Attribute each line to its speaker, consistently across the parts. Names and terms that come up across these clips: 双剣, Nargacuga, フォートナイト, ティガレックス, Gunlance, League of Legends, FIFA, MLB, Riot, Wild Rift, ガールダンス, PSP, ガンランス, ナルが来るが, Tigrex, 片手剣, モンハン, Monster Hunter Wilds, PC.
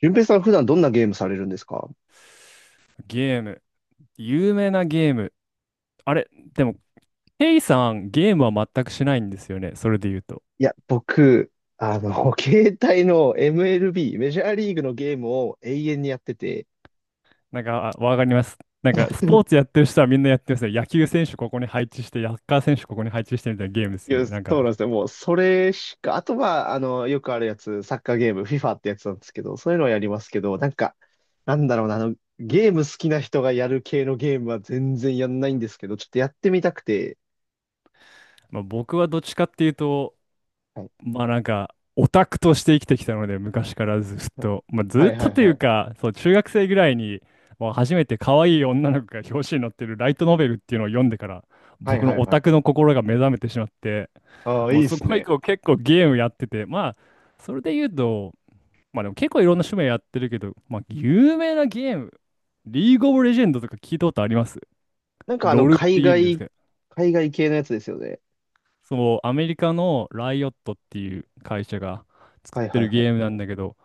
Speaker 1: 順平さん普段どんなゲームされるんですか？
Speaker 2: ゲーム。有名なゲーム。あれ、でも、ケイさん、ゲームは全くしないんですよね。それで言うと。
Speaker 1: いや、僕、携帯の MLB、メジャーリーグのゲームを永遠にやってて、
Speaker 2: あわかります。スポーツやってる人はみんなやってますね。野球選手ここに配置して、サッカー選手ここに配置してみたいなゲームです
Speaker 1: い
Speaker 2: よ
Speaker 1: や、
Speaker 2: ね。
Speaker 1: そうなんですよ。もう、それしか、あとは、よくあるやつ、サッカーゲーム、FIFA ってやつなんですけど、そういうのはやりますけど、なんか、なんだろうな、ゲーム好きな人がやる系のゲームは全然やんないんですけど、ちょっとやってみたくて、
Speaker 2: 僕はどっちかっていうと、
Speaker 1: はい
Speaker 2: オタクとして生きてきたので、昔からずっと、まあ
Speaker 1: は
Speaker 2: ずっ
Speaker 1: いは
Speaker 2: と
Speaker 1: い
Speaker 2: とい
Speaker 1: は
Speaker 2: う
Speaker 1: い。
Speaker 2: か、そう、中学生ぐらいに、もう初めて可愛い女の子が表紙に載ってるライトノベルっていうのを読んでから、
Speaker 1: はい
Speaker 2: 僕
Speaker 1: は
Speaker 2: の
Speaker 1: い
Speaker 2: オ
Speaker 1: は
Speaker 2: タ
Speaker 1: い
Speaker 2: ク
Speaker 1: はい。
Speaker 2: の心が目覚めてしまって、
Speaker 1: ああ、い
Speaker 2: もう
Speaker 1: いっ
Speaker 2: そ
Speaker 1: す
Speaker 2: こ以
Speaker 1: ね。
Speaker 2: 降結構ゲームやってて、まあ、それで言うと、まあでも結構いろんな趣味やってるけど、まあ有名なゲーム、リーグオブレジェンドとか聞いたことあります
Speaker 1: なんか
Speaker 2: ロールっ
Speaker 1: 海
Speaker 2: て言うんです
Speaker 1: 外、
Speaker 2: けど、
Speaker 1: 海外系のやつですよね。
Speaker 2: そう、アメリカのライオットっていう会社が作
Speaker 1: はい
Speaker 2: って
Speaker 1: はい
Speaker 2: る
Speaker 1: は
Speaker 2: ゲー
Speaker 1: い。
Speaker 2: ムなんだけど、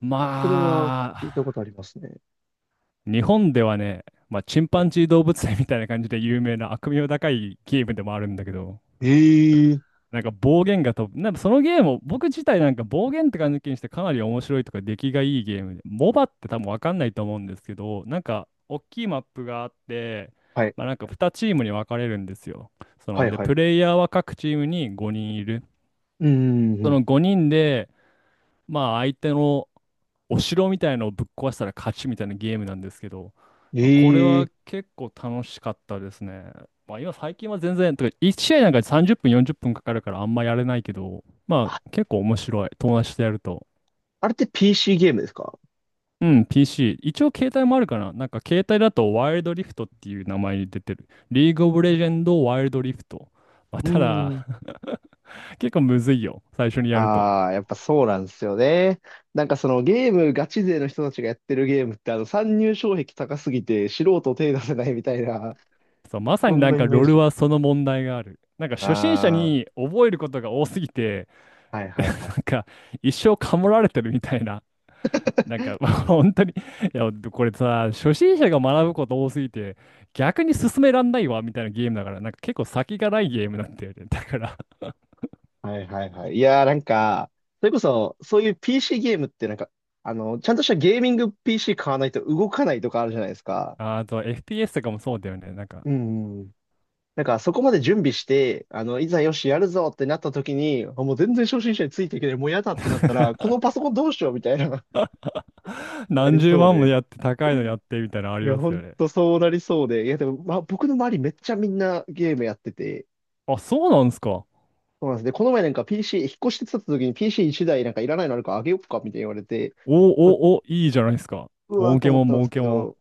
Speaker 2: ま
Speaker 1: それは聞いたことあ
Speaker 2: あ、
Speaker 1: りますね。
Speaker 2: 日本ではね、まあ、チン
Speaker 1: は
Speaker 2: パ
Speaker 1: い。
Speaker 2: ンジー動物園みたいな感じで有名な悪名高いゲームでもあるんだけど、
Speaker 1: ええ、
Speaker 2: なんか暴言が飛ぶ、なんかそのゲームを僕自体なんか暴言って感じにしてかなり面白いとか出来がいいゲームで、モバって多分わかんないと思うんですけど、なんか大きいマップがあって、
Speaker 1: はい。
Speaker 2: まあ、なんか2チームに分かれるんですよ。そ
Speaker 1: は
Speaker 2: の、
Speaker 1: い
Speaker 2: で、
Speaker 1: は
Speaker 2: プ
Speaker 1: い。
Speaker 2: レイヤーは各チームに5人いる。
Speaker 1: うんうんう
Speaker 2: そ
Speaker 1: ん。
Speaker 2: の5人で、まあ相手のお城みたいのをぶっ壊したら勝ちみたいなゲームなんですけど、まあ、これは
Speaker 1: ええ、
Speaker 2: 結構楽しかったですね。まあ今最近は全然、とか1試合なんか30分40分かかるからあんまやれないけど、ま
Speaker 1: あ、
Speaker 2: あ結構面白い。友達とやると。
Speaker 1: あれって PC ゲームですか？
Speaker 2: うん、PC。一応携帯もあるかな。なんか携帯だとワイルドリフトっていう名前に出てる。リーグオブレジェンドワイルドリフト。まあ、
Speaker 1: う
Speaker 2: ただ
Speaker 1: ん。
Speaker 2: 結構むずいよ。最初にやると。
Speaker 1: ああ、やっぱそうなんですよね。なんかそのゲームガチ勢の人たちがやってるゲームって参入障壁高すぎて素人手出せないみたいな、
Speaker 2: そう、まさ
Speaker 1: そ
Speaker 2: に
Speaker 1: ん
Speaker 2: な
Speaker 1: な
Speaker 2: ん
Speaker 1: イ
Speaker 2: か
Speaker 1: メー
Speaker 2: ロール
Speaker 1: ジ。
Speaker 2: はその問題がある。なんか初心者
Speaker 1: あ
Speaker 2: に覚えることが多すぎて、
Speaker 1: あ、はい はい
Speaker 2: な
Speaker 1: は
Speaker 2: ん
Speaker 1: い。
Speaker 2: か一生カモられてるみたいな。なんか 本当に、いや、これさ、初心者が学ぶこと多すぎて、逆に進めらんないわみたいなゲームだから、なんか結構先がないゲームなんだよね。だから、
Speaker 1: はいはいはい。いやーなんか、それこそそういう PC ゲームってなんか、あの、ちゃんとしたゲーミング PC 買わないと動かないとかあるじゃないですか。
Speaker 2: あ、あと FPS とかもそうだよね。なんか
Speaker 1: うんうん。なんか、そこまで準備して、いざよし、やるぞってなった時に、あもう全然初心者についていけない、もうやだってなったら、このパソコンどうしようみたいな、な
Speaker 2: 何
Speaker 1: り
Speaker 2: 十
Speaker 1: そう
Speaker 2: 万も
Speaker 1: で。
Speaker 2: やって高いのやってみたいなのあ
Speaker 1: い
Speaker 2: り
Speaker 1: や、
Speaker 2: ま
Speaker 1: ほ
Speaker 2: すよ
Speaker 1: ん
Speaker 2: ね。
Speaker 1: とそうなりそうで。いや、でも、まあ、僕の周りめっちゃみんなゲームやってて、
Speaker 2: あ、そうなんですか。
Speaker 1: そうなんですね。この前なんか PC、引っ越してきた時に PC1 台なんかいらないのあるからあげよっかみたいに言われて、
Speaker 2: お
Speaker 1: あ、
Speaker 2: おお、いいじゃないですか。
Speaker 1: うわー
Speaker 2: 儲
Speaker 1: と
Speaker 2: け
Speaker 1: 思っ
Speaker 2: もん、
Speaker 1: たんで
Speaker 2: 儲
Speaker 1: すけ
Speaker 2: けもん。
Speaker 1: ど、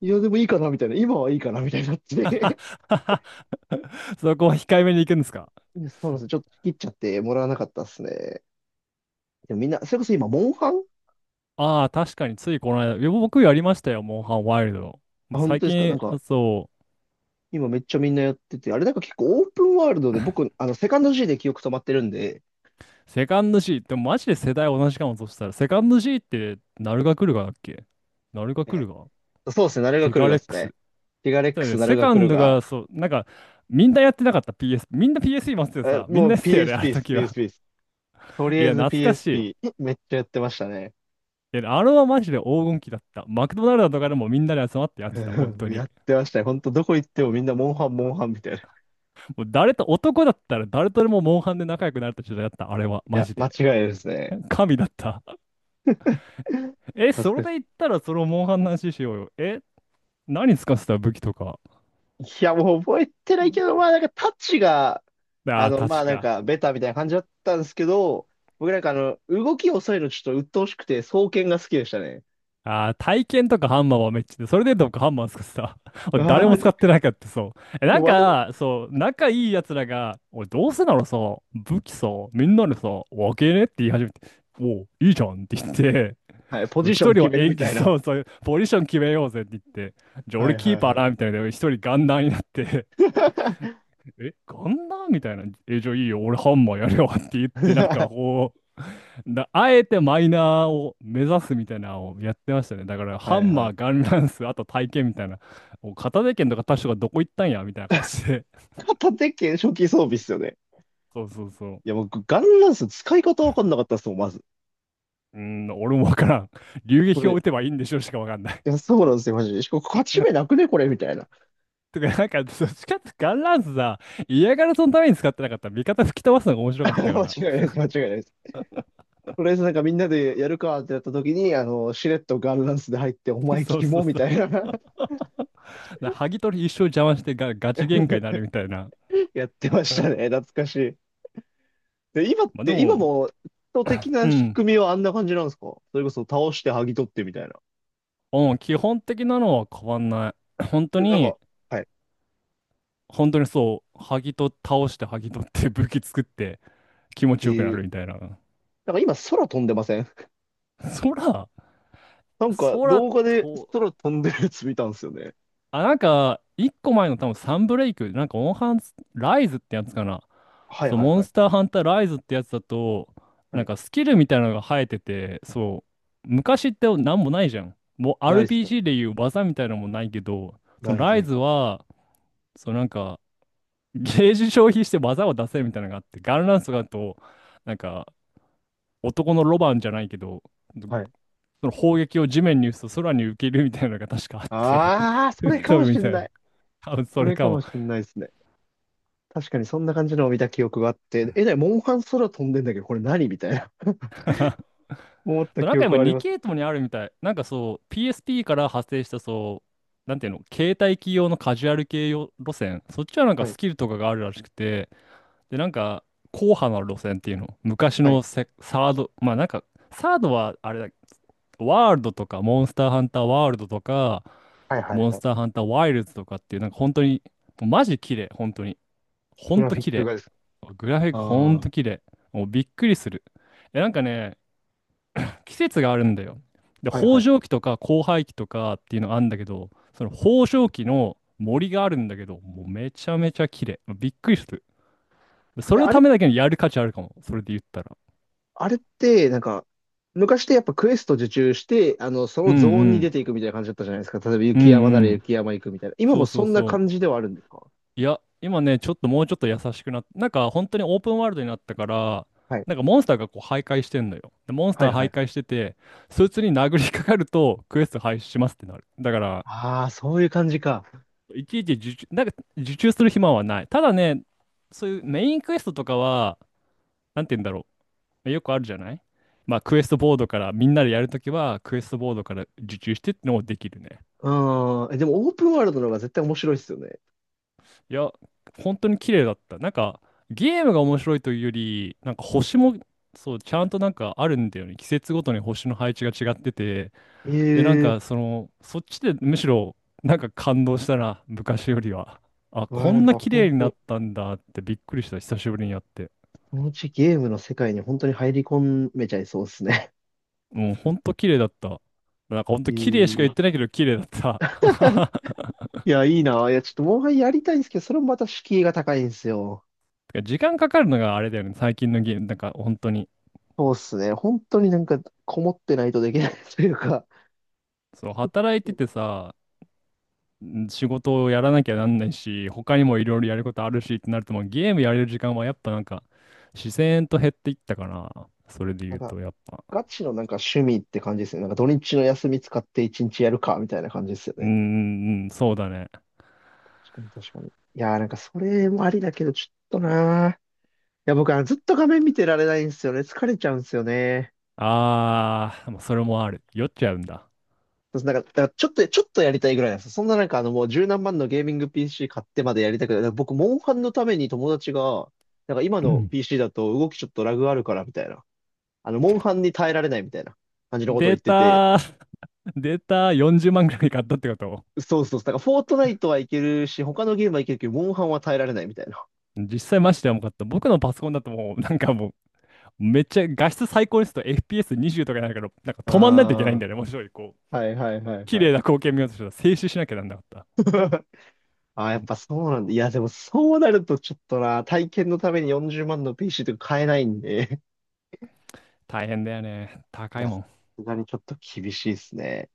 Speaker 1: いや、でもいいかなみたいな、今はいいかなみたいになっ
Speaker 2: は。
Speaker 1: て。
Speaker 2: はは。そこは控えめに行くんです か？
Speaker 1: いやそうなんですよ。ちょっと切っちゃってもらわなかったっすね。でもみんな、それこそ今、モンハン。
Speaker 2: ああ、確かについこの間、いや僕やりましたよ、モンハンワイルド。
Speaker 1: あ、本
Speaker 2: 最
Speaker 1: 当ですかなん
Speaker 2: 近、
Speaker 1: か、
Speaker 2: そう、
Speaker 1: 今めっちゃみんなやってて、あれなんか結構オープンワールドで僕、セカンド G で記憶止まってるんで、
Speaker 2: セカンド C、でもマジで世代同じかも、そしたら、セカンド C って、ナルガクルガだっけ？ナルガク
Speaker 1: え
Speaker 2: ルガ、
Speaker 1: え、そうですね、ナルが
Speaker 2: ティ
Speaker 1: 来る
Speaker 2: ガ
Speaker 1: が
Speaker 2: レッ
Speaker 1: です
Speaker 2: ク
Speaker 1: ね。
Speaker 2: ス。
Speaker 1: ティガレッ
Speaker 2: だ
Speaker 1: ク
Speaker 2: よ
Speaker 1: ス、
Speaker 2: ね、
Speaker 1: ナ
Speaker 2: セ
Speaker 1: ルが
Speaker 2: カ
Speaker 1: 来
Speaker 2: ン
Speaker 1: る
Speaker 2: ド
Speaker 1: が、
Speaker 2: が、そう、みんなやってなかった PS、みんな PS 持ってて
Speaker 1: え
Speaker 2: さ、みん
Speaker 1: も
Speaker 2: なや
Speaker 1: う
Speaker 2: ってたよね、あの
Speaker 1: PSP です、
Speaker 2: 時
Speaker 1: ピーエス s
Speaker 2: は。
Speaker 1: p です。と り
Speaker 2: い
Speaker 1: あえ
Speaker 2: や、
Speaker 1: ず
Speaker 2: 懐かしい。
Speaker 1: PSP、めっちゃやってましたね。
Speaker 2: いや、あれはマジで黄金期だった。マクドナルドとかでもみんなで集まってやってた、本当
Speaker 1: や
Speaker 2: に。
Speaker 1: ってましたね。ほんと、どこ行ってもみんなモンハン、モンハンみたいな。い
Speaker 2: もう誰と、男だったら誰とでもモンハンで仲良くなれた時代だった、あれは、マ
Speaker 1: や、
Speaker 2: ジ
Speaker 1: 間
Speaker 2: で。
Speaker 1: 違いないですね。
Speaker 2: 神だった。え、
Speaker 1: 懐
Speaker 2: それ
Speaker 1: かし
Speaker 2: で言っ
Speaker 1: い。
Speaker 2: たらそのモンハンの話しようよ。え、何使ってた武器とか。
Speaker 1: いや、もう覚えてないけど、まあなんかタッチが、
Speaker 2: ああ、
Speaker 1: まあ
Speaker 2: 確
Speaker 1: なん
Speaker 2: か。
Speaker 1: かベタみたいな感じだったんですけど、僕なんか動き遅いのちょっと鬱陶しくて、双剣が好きでしたね。
Speaker 2: ああ、体験とかハンマーはめっちゃで、それでどっかハンマー使ってた。俺
Speaker 1: ああ、
Speaker 2: 誰
Speaker 1: マ
Speaker 2: も使
Speaker 1: ジ
Speaker 2: っ
Speaker 1: か。
Speaker 2: てなかった、そう。え、
Speaker 1: いや、わざ、
Speaker 2: そう、仲いい奴らが、俺どうせならさ、武器さ、みんなでさ、分けねって言い始めて、おう、いいじゃんって言って、
Speaker 1: はい、ポ
Speaker 2: そう
Speaker 1: ジショ
Speaker 2: 一
Speaker 1: ン
Speaker 2: 人は
Speaker 1: 決めるみ
Speaker 2: 円形
Speaker 1: たいな。
Speaker 2: そうそういうポジション決めようぜって言って、じゃあ
Speaker 1: は
Speaker 2: 俺
Speaker 1: い
Speaker 2: キ
Speaker 1: は
Speaker 2: ー
Speaker 1: い
Speaker 2: パー
Speaker 1: はい。
Speaker 2: なみたいな、一人ガンダーになって、え、ガンダーみたいな、え、じゃあいいよ、俺ハンマーやるよって言って、あえてマイナーを目指すみたいなのをやってましたね。だから
Speaker 1: は
Speaker 2: ハ
Speaker 1: い
Speaker 2: ン
Speaker 1: は
Speaker 2: マー、
Speaker 1: い。
Speaker 2: ガンランス、あと体験みたいな、もう片手剣とか他確がどこ行ったんやみたいな感じで、
Speaker 1: 片手剣初期装備っすよね。
Speaker 2: そうそうそ
Speaker 1: いや、
Speaker 2: う。
Speaker 1: 僕、ガンランス使い方わかんなかったっすもん、まず。
Speaker 2: うーん、俺もわからん。流
Speaker 1: こ
Speaker 2: 撃を
Speaker 1: れ。
Speaker 2: 打てばいいんでしょうしかわかんない。
Speaker 1: いや、そうなんですよ、マジで。しかも、勝ち目なくね、これ、みたいな。
Speaker 2: とか、どっちかってガンランスさ、嫌がらせのために使ってなかったら、味方吹き飛ばすのが面 白かったか
Speaker 1: 間違
Speaker 2: ら。
Speaker 1: いないです、間違いないです。とりあえずなんかみんなでやるかってなった時に、しれっとガールダンスで入って、お前
Speaker 2: そう
Speaker 1: キ
Speaker 2: そ
Speaker 1: モ
Speaker 2: う
Speaker 1: み
Speaker 2: そう。
Speaker 1: たいな。
Speaker 2: な、剥ぎ取り一生邪魔してがガチ喧嘩になる みたいな。
Speaker 1: やってまし たね。懐かしい。で、今っ
Speaker 2: まあで
Speaker 1: て、今
Speaker 2: も、
Speaker 1: も、人的
Speaker 2: う
Speaker 1: な仕
Speaker 2: ん。
Speaker 1: 組みはあんな感じなんですか？それこそ倒して剥ぎ取ってみたいな。
Speaker 2: うん、基本的なのは変わんない。本当
Speaker 1: でもなん
Speaker 2: に、
Speaker 1: か、はい。
Speaker 2: 本当にそう、剥ぎと倒して剥ぎ取って武器作って気持
Speaker 1: え
Speaker 2: ちよくな
Speaker 1: ー、
Speaker 2: るみたいな。
Speaker 1: なんか今空飛んでません？
Speaker 2: 空、
Speaker 1: なんか
Speaker 2: 空
Speaker 1: 動画で
Speaker 2: と、
Speaker 1: 空飛んでるやつ見たんですよね。
Speaker 2: あ、なんか、一個前の多分サンブレイク、なんか、オンハンス、ライズってやつかな。
Speaker 1: はい
Speaker 2: そう、
Speaker 1: はい
Speaker 2: モ
Speaker 1: は
Speaker 2: ン
Speaker 1: い。
Speaker 2: スターハンターライズってやつだと、
Speaker 1: は
Speaker 2: なん
Speaker 1: い。
Speaker 2: かスキルみたいなのが生えてて、そう、昔ってなんもないじゃん。もう
Speaker 1: ないっすね。
Speaker 2: RPG でいう技みたいなのもないけど、そ
Speaker 1: な
Speaker 2: の
Speaker 1: い
Speaker 2: ライ
Speaker 1: ない。
Speaker 2: ズは、そうなんか、ゲージ消費して技を出せるみたいなのがあって、ガンランスとかだと、なんか、男のロバンじゃないけど、
Speaker 1: はい。
Speaker 2: その砲撃を地面に打つと空に浮けるみたいなのが確かあって、
Speaker 1: ああ、それ
Speaker 2: 吹っ
Speaker 1: か
Speaker 2: 飛
Speaker 1: も
Speaker 2: ぶ
Speaker 1: し
Speaker 2: み
Speaker 1: ん
Speaker 2: たい
Speaker 1: な
Speaker 2: な。
Speaker 1: い。
Speaker 2: 多分
Speaker 1: そ
Speaker 2: それ
Speaker 1: れ
Speaker 2: か
Speaker 1: かも
Speaker 2: も。
Speaker 1: しんないですね。確かにそんな感じのを見た記憶があって、え、だモンハン空飛んでんだけど、これ何みたいな 思った
Speaker 2: そうな
Speaker 1: 記
Speaker 2: んか
Speaker 1: 憶
Speaker 2: 今
Speaker 1: はあり
Speaker 2: 2
Speaker 1: ま
Speaker 2: 系
Speaker 1: す。
Speaker 2: 統にあるみたい。なんかそう、PSP から派生したそう、なんていうの、携帯機用のカジュアル系用路線。そっちはなんか
Speaker 1: はい、
Speaker 2: スキルとかがあるらしくて、で、なんか、硬派な路線っていうの。昔
Speaker 1: はい、
Speaker 2: のセサード、まあなんか、サードはあれだ、ワールドとか、モンスターハンターワールドとか、
Speaker 1: はい、はい、
Speaker 2: モン
Speaker 1: は
Speaker 2: スター
Speaker 1: い。
Speaker 2: ハンターワイルズとかっていう、なんか本当に、もうマジ綺麗、本当に。ほ
Speaker 1: グ
Speaker 2: ん
Speaker 1: ラ
Speaker 2: と
Speaker 1: フィッ
Speaker 2: 綺
Speaker 1: ク
Speaker 2: 麗。
Speaker 1: がですか？
Speaker 2: グラフィックほん
Speaker 1: ああ。
Speaker 2: と綺麗。もうびっくりする。え、なんかね、季節があるんだよ。で、
Speaker 1: はい、は
Speaker 2: 豊穣
Speaker 1: い。
Speaker 2: 期とか交配期とかっていうのがあるんだけど、その豊穣期の森があるんだけど、もうめちゃめちゃ綺麗。びっくりする。そ
Speaker 1: え、
Speaker 2: れの
Speaker 1: あれ、
Speaker 2: ためだけにやる価値あるかも。それで言ったら。
Speaker 1: あれって、なんか、昔ってやっぱクエスト受注して、そ
Speaker 2: う
Speaker 1: の
Speaker 2: ん
Speaker 1: ゾーン
Speaker 2: う
Speaker 1: に出てい
Speaker 2: ん。
Speaker 1: くみたいな感じだったじゃないですか。例えば
Speaker 2: う
Speaker 1: 雪山な
Speaker 2: んう
Speaker 1: ら
Speaker 2: ん。
Speaker 1: 雪山行くみたいな。今
Speaker 2: そ
Speaker 1: も
Speaker 2: うそ
Speaker 1: そ
Speaker 2: う
Speaker 1: んな
Speaker 2: そ
Speaker 1: 感
Speaker 2: う。
Speaker 1: じではあるんですか？
Speaker 2: いや、今ね、ちょっともうちょっと優しくなってなんか本当にオープンワールドになったから、
Speaker 1: はい、
Speaker 2: なんかモンスターがこう徘徊してんのよ。で、モンス
Speaker 1: は
Speaker 2: タ
Speaker 1: い、
Speaker 2: ー
Speaker 1: は
Speaker 2: 徘
Speaker 1: い。
Speaker 2: 徊してて、そいつに殴りかかるとクエスト廃止しますってなる。だから、
Speaker 1: ああ、そういう感じか。
Speaker 2: いちいち受注、なんか受注する暇はない。ただね、そういうメインクエストとかは、なんて言うんだろう。よくあるじゃない、まあクエストボードから、みんなでやるときはクエストボードから受注してってのもできるね。
Speaker 1: うーん。え、でもオープンワールドの方が絶対面白いですよね。
Speaker 2: いや、本当に綺麗だった。なんかゲームが面白いというより、なんか星も、そう、ちゃんとなんかあるんだよね。季節ごとに星の配置が違ってて、で、
Speaker 1: ええ
Speaker 2: その、そっちでむしろ、なんか感動したな、昔よりは。あ、
Speaker 1: ーわ
Speaker 2: こ
Speaker 1: あ、な
Speaker 2: ん
Speaker 1: ん
Speaker 2: な
Speaker 1: か
Speaker 2: 綺
Speaker 1: 本
Speaker 2: 麗になっ
Speaker 1: 当
Speaker 2: たんだってびっくりした、久しぶりにやって。
Speaker 1: このうちゲームの世界に本当に入り込めちゃいそうですね。
Speaker 2: もうほんと綺麗だった。なんかほん と
Speaker 1: え
Speaker 2: 綺麗しか言っ
Speaker 1: ー、
Speaker 2: てないけど綺麗だった。
Speaker 1: いや、いいな。いや、ちょっともう一回やりたいんですけど、それもまた敷居が高いんですよ。
Speaker 2: てか時間かかるのがあれだよね、最近のゲーム、なんか本当に。
Speaker 1: そうっすね。本当になんか、こもってないとできない というか、
Speaker 2: そう、働いててさ、ん仕事をやらなきゃなんないし、他にもいろいろやることあるしってなると、もうゲームやれる時間はやっぱなんか、自然と減っていったかな。それで
Speaker 1: な
Speaker 2: 言
Speaker 1: ん
Speaker 2: う
Speaker 1: か、
Speaker 2: と、やっぱ。
Speaker 1: ガチのなんか趣味って感じですね。なんか土日の休み使って一日やるか、みたいな感じですよ
Speaker 2: う
Speaker 1: ね。
Speaker 2: ーん、そうだね。
Speaker 1: 確かに確かに。いやーなんかそれもありだけど、ちょっとなー。いや、僕はずっと画面見てられないんですよね。疲れちゃうんですよね。
Speaker 2: ああ、もうそれもある。酔っちゃうんだ。
Speaker 1: そうなんか、だからちょっと、ちょっとやりたいぐらいなんですよ。そんななんかもう十何万のゲーミング PC 買ってまでやりたくない。だから僕、モンハンのために友達が、なんか今
Speaker 2: う
Speaker 1: の
Speaker 2: ん。
Speaker 1: PC だと動きちょっとラグあるからみたいな。モンハンに耐えられないみたいな感じのことを
Speaker 2: デー
Speaker 1: 言ってて。
Speaker 2: タ、データ40万ぐらい買ったってこと？
Speaker 1: そうそうそう。だからフォートナイトはいけるし、他のゲームはいけるけど、モンハンは耐えられないみたいな。
Speaker 2: 実際マジで重かった。僕のパソコンだともう、めっちゃ画質最高にすると FPS20 とかになるけど、なんか止まんないといけないん
Speaker 1: あ
Speaker 2: だよね。もういこう、
Speaker 1: あ、はいはいはい
Speaker 2: 綺
Speaker 1: はい。
Speaker 2: 麗な光景見ようとしたら静止しなきゃなんなかった。
Speaker 1: あ。ああや
Speaker 2: う
Speaker 1: っ
Speaker 2: ん。
Speaker 1: ぱそうなんだ。いや、でもそうなるとちょっとな、体験のために40万の PC とか買えないんで。
Speaker 2: 大変だよね。
Speaker 1: い
Speaker 2: 高い
Speaker 1: や、さ
Speaker 2: もん。
Speaker 1: すがにちょっと厳しいですね。